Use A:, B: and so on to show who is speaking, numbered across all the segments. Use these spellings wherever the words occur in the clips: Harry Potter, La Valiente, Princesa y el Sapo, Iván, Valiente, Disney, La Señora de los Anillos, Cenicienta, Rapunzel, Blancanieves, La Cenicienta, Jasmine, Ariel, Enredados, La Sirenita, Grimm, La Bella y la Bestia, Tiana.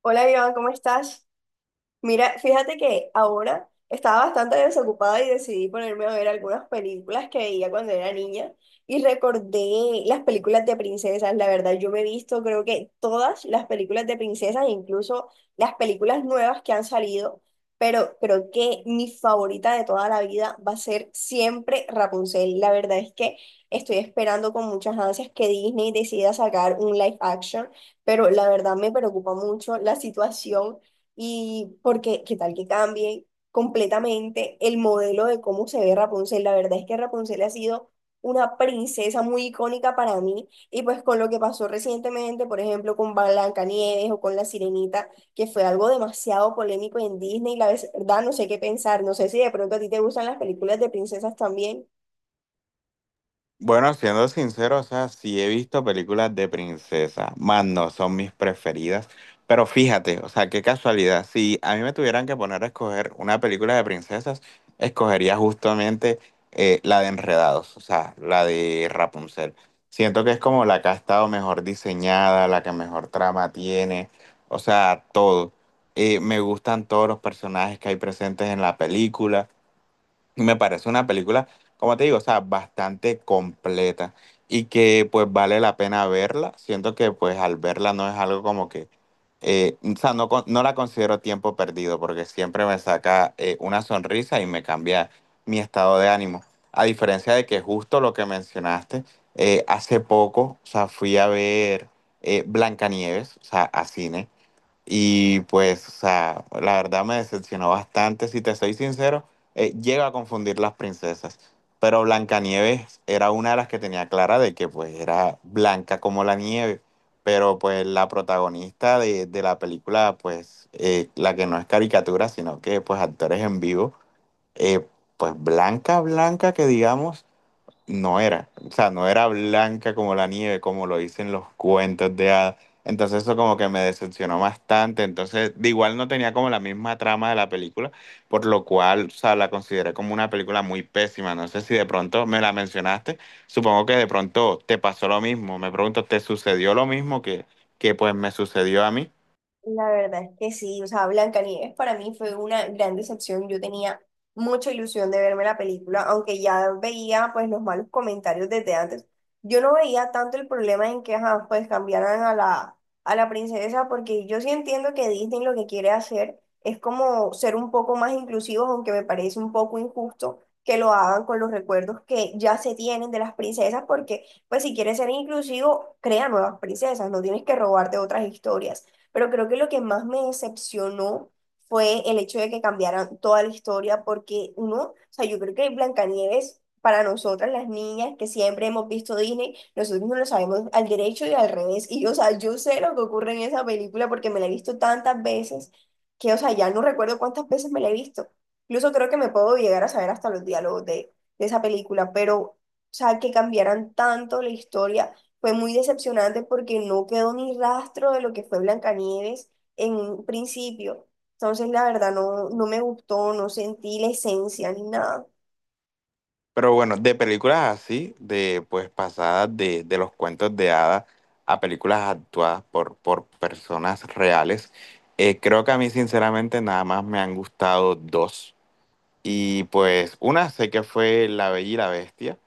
A: Hola Iván, ¿cómo estás? Mira, fíjate que ahora estaba bastante desocupada y decidí ponerme a ver algunas películas que veía cuando era niña y recordé las películas de princesas. La verdad, yo me he visto creo que todas las películas de princesas, incluso las películas nuevas que han salido, pero creo que mi favorita de toda la vida va a ser siempre Rapunzel. La verdad es que estoy esperando con muchas ansias que Disney decida sacar un live action, pero la verdad me preocupa mucho la situación y porque, ¿qué tal que cambie completamente el modelo de cómo se ve Rapunzel? La verdad es que Rapunzel ha sido una princesa muy icónica para mí. Y pues con lo que pasó recientemente, por ejemplo, con Blancanieves o con La Sirenita, que fue algo demasiado polémico en Disney, la verdad no sé qué pensar. No sé si de pronto a ti te gustan las películas de princesas también.
B: Bueno, siendo sincero, o sea, sí he visto películas de princesa, más no son mis preferidas, pero fíjate, o sea, qué casualidad, si a mí me tuvieran que poner a escoger una película de princesas, escogería justamente la de Enredados, o sea, la de Rapunzel. Siento que es como la que ha estado mejor diseñada, la que mejor trama tiene, o sea, todo. Me gustan todos los personajes que hay presentes en la película. Me parece una película, como te digo, o sea, bastante completa y que pues vale la pena verla. Siento que pues al verla no es algo como que, o sea, no, no la considero tiempo perdido porque siempre me saca una sonrisa y me cambia mi estado de ánimo. A diferencia de que justo lo que mencionaste, hace poco, o sea, fui a ver Blancanieves, o sea, a cine y pues, o sea, la verdad me decepcionó bastante, si te soy sincero, llego a confundir las princesas, pero Blancanieves era una de las que tenía clara de que pues era blanca como la nieve, pero pues la protagonista de la película, pues la que no es caricatura, sino que pues actores en vivo, eh, pues blanca, blanca que digamos no era, o sea, no era blanca como la nieve, como lo dicen los cuentos de hadas. Entonces eso como que me decepcionó bastante. Entonces, de igual no tenía como la misma trama de la película, por lo cual, o sea, la consideré como una película muy pésima. No sé si de pronto me la mencionaste. Supongo que de pronto te pasó lo mismo. Me pregunto, ¿te sucedió lo mismo que pues me sucedió a mí?
A: La verdad es que sí, o sea, Blancanieves para mí fue una gran decepción. Yo tenía mucha ilusión de verme la película, aunque ya veía pues los malos comentarios desde antes. Yo no veía tanto el problema en que ajá, pues cambiaran a la princesa, porque yo sí entiendo que Disney lo que quiere hacer es como ser un poco más inclusivos, aunque me parece un poco injusto que lo hagan con los recuerdos que ya se tienen de las princesas, porque pues si quieres ser inclusivo, crea nuevas princesas, no tienes que robarte otras historias. Pero creo que lo que más me decepcionó fue el hecho de que cambiaran toda la historia, porque uno, o sea, yo creo que Blancanieves, para nosotras las niñas que siempre hemos visto Disney, nosotros no lo sabemos al derecho y al revés. Y, o sea, yo sé lo que ocurre en esa película porque me la he visto tantas veces que, o sea, ya no recuerdo cuántas veces me la he visto. Incluso creo que me puedo llegar a saber hasta los diálogos de esa película, pero, o sea, que cambiaran tanto la historia. Fue muy decepcionante porque no quedó ni rastro de lo que fue Blancanieves en un principio. Entonces, la verdad, no, no me gustó, no sentí la esencia ni nada.
B: Pero bueno, de películas así, de pues pasadas de los cuentos de hadas a películas actuadas por personas reales, creo que a mí sinceramente nada más me han gustado dos. Y pues una sé que fue La Bella y la Bestia.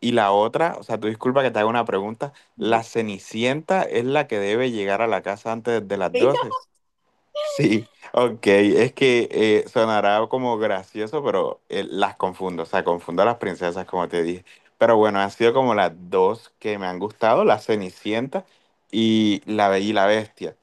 B: Y la otra, o sea, tú disculpa que te haga una pregunta,
A: Ujú.
B: ¿la Cenicienta es la que debe llegar a la casa antes de las 12? Sí, ok, es que sonará como gracioso, pero las confundo, o sea, confundo a las princesas, como te dije. Pero bueno, han sido como las dos que me han gustado, la Cenicienta y la Bella y la Bestia.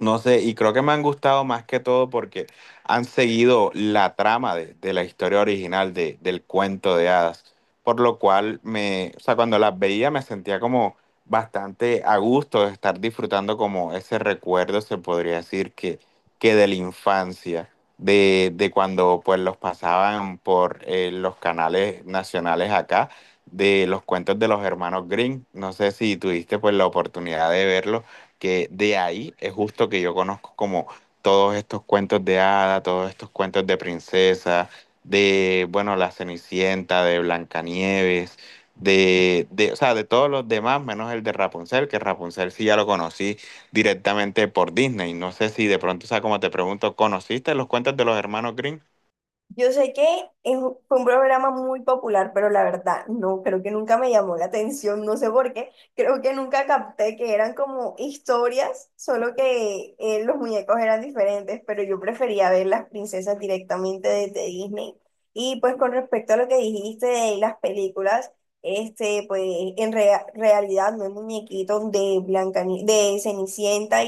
B: No sé, y creo que me han gustado más que todo porque han seguido la trama de la historia original del cuento de hadas, por lo cual me, o sea, cuando las veía me sentía como bastante a gusto de estar disfrutando como ese recuerdo, se podría decir, que de la infancia, de cuando pues los pasaban por los canales nacionales acá, de los cuentos de los hermanos Green. No sé si tuviste pues la oportunidad de verlos que de ahí es justo que yo conozco como todos estos cuentos de hada, todos estos cuentos de princesa, de, bueno, la Cenicienta, de Blancanieves, o sea, de todos los demás, menos el de Rapunzel, que Rapunzel sí ya lo conocí directamente por Disney. No sé si de pronto, o sea, como te pregunto, ¿conociste los cuentos de los hermanos Grimm?
A: Yo sé que fue un programa muy popular, pero la verdad, no, creo que nunca me llamó la atención, no sé por qué. Creo que nunca capté que eran como historias, solo que los muñecos eran diferentes, pero yo prefería ver las princesas directamente desde Disney. Y pues con respecto a lo que dijiste de las películas, pues realidad no hay muñequitos de de Cenicienta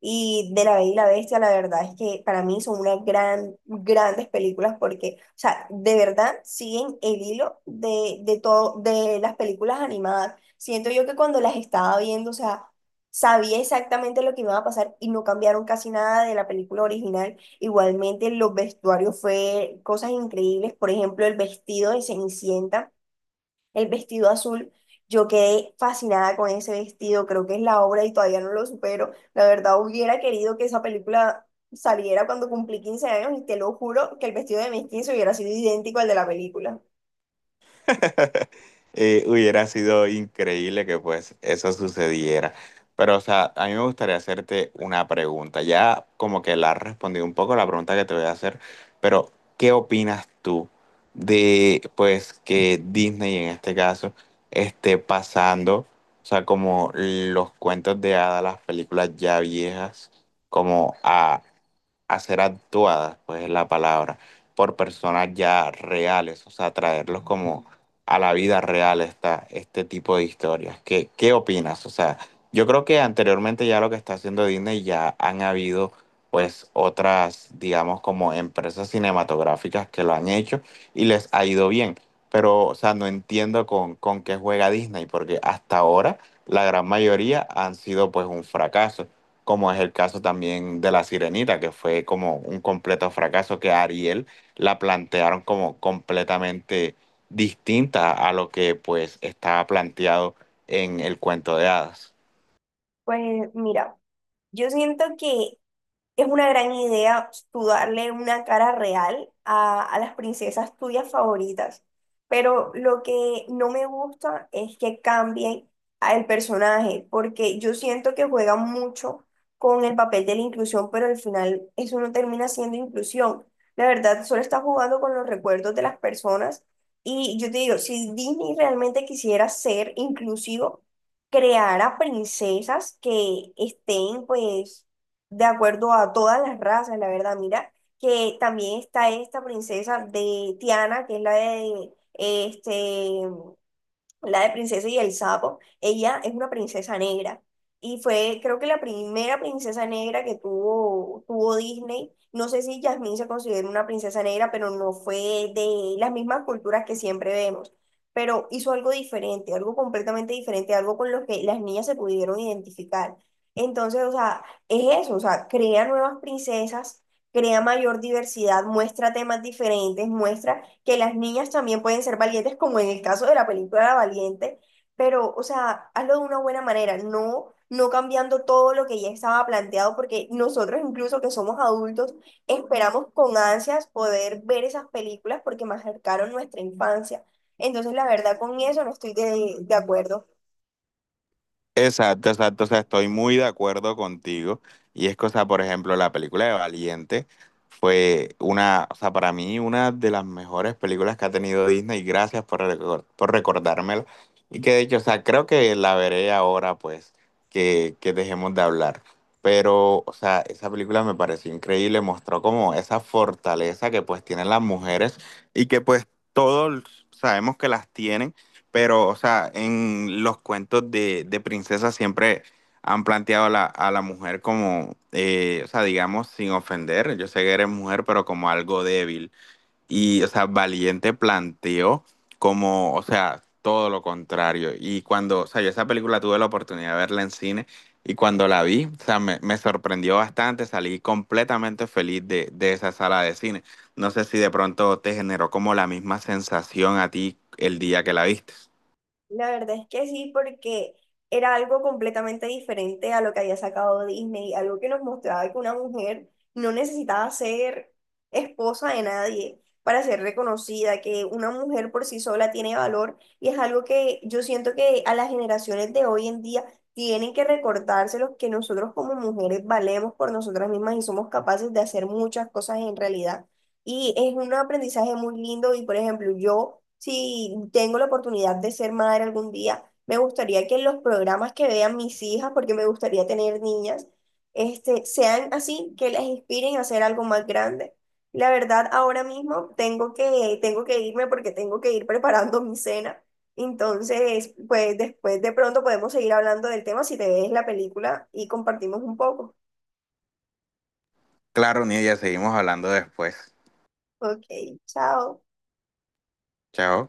A: y de La Bella y la Bestia, la verdad es que para mí son unas grandes películas porque, o sea, de verdad siguen el hilo de todo, de las películas animadas. Siento yo que cuando las estaba viendo, o sea, sabía exactamente lo que iba a pasar y no cambiaron casi nada de la película original. Igualmente, los vestuarios fue cosas increíbles. Por ejemplo, el vestido de Cenicienta, el vestido azul. Yo quedé fascinada con ese vestido, creo que es la obra y todavía no lo supero. La verdad, hubiera querido que esa película saliera cuando cumplí 15 años y te lo juro que el vestido de mis 15 hubiera sido idéntico al de la película.
B: Hubiera sido increíble que pues eso sucediera. Pero, o sea, a mí me gustaría hacerte una pregunta. Ya como que la has respondido un poco la pregunta que te voy a hacer, pero ¿qué opinas tú de pues que Disney en este caso esté pasando, o sea, como los cuentos de hadas, las películas ya viejas, como a ser actuadas, pues es la palabra, por personas ya reales, o sea, traerlos como a la vida real esta, este tipo de historias? ¿Qué, qué opinas? O sea, yo creo que anteriormente ya lo que está haciendo Disney ya han habido pues otras, digamos, como empresas cinematográficas que lo han hecho y les ha ido bien. Pero, o sea, no entiendo con qué juega Disney, porque hasta ahora la gran mayoría han sido pues un fracaso como es el caso también de La Sirenita, que fue como un completo fracaso, que a Ariel la plantearon como completamente distinta a lo que pues estaba planteado en el cuento de hadas.
A: Pues mira, yo siento que es una gran idea tú darle una cara real a las princesas tuyas favoritas, pero lo que no me gusta es que cambien a el personaje, porque yo siento que juegan mucho con el papel de la inclusión, pero al final eso no termina siendo inclusión. La verdad, solo está jugando con los recuerdos de las personas y yo te digo, si Disney realmente quisiera ser inclusivo, creara princesas que estén pues de acuerdo a todas las razas, la verdad. Mira, que también está esta princesa de Tiana, que es la de la de Princesa y el Sapo, ella es una princesa negra. Y fue, creo que la primera princesa negra que tuvo, Disney. No sé si Jasmine se considera una princesa negra, pero no fue de las mismas culturas que siempre vemos. Pero hizo algo diferente, algo completamente diferente, algo con lo que las niñas se pudieron identificar. Entonces, o sea, es eso, o sea, crea nuevas princesas, crea mayor diversidad, muestra temas diferentes, muestra que las niñas también pueden ser valientes, como en el caso de la película La Valiente, pero, o sea, hazlo de una buena manera, no, no cambiando todo lo que ya estaba planteado, porque nosotros incluso que somos adultos, esperamos con ansias poder ver esas películas porque marcaron nuestra infancia. Entonces, la verdad, con eso no estoy de acuerdo.
B: Exacto, exacto, o sea, estoy muy de acuerdo contigo. Y es que, o sea, por ejemplo, la película de Valiente fue una, o sea, para mí una de las mejores películas que ha tenido Disney. Gracias por, por recordármela. Y que de hecho, o sea, creo que la veré ahora, pues, que dejemos de hablar. Pero, o sea, esa película me pareció increíble, mostró como esa fortaleza que pues tienen las mujeres y que pues todos sabemos que las tienen pero, o sea, en los cuentos de princesas siempre han planteado a la mujer como, o sea, digamos, sin ofender, yo sé que eres mujer, pero como algo débil. Y, o sea, Valiente planteó como, o sea, todo lo contrario. Y cuando, o sea, yo esa película tuve la oportunidad de verla en cine y cuando la vi, o sea, me sorprendió bastante, salí completamente feliz de esa sala de cine. No sé si de pronto te generó como la misma sensación a ti el día que la viste.
A: La verdad es que sí, porque era algo completamente diferente a lo que había sacado Disney, algo que nos mostraba que una mujer no necesitaba ser esposa de nadie para ser reconocida, que una mujer por sí sola tiene valor y es algo que yo siento que a las generaciones de hoy en día tienen que recordárselos que nosotros como mujeres valemos por nosotras mismas y somos capaces de hacer muchas cosas en realidad. Y es un aprendizaje muy lindo y, por ejemplo, yo, si tengo la oportunidad de ser madre algún día, me gustaría que los programas que vean mis hijas, porque me gustaría tener niñas, sean así, que las inspiren a hacer algo más grande. La verdad, ahora mismo tengo que irme porque tengo que ir preparando mi cena. Entonces, pues después de pronto podemos seguir hablando del tema si te ves la película y compartimos un poco.
B: Claro, Nia, seguimos hablando después.
A: Ok, chao.
B: Chao.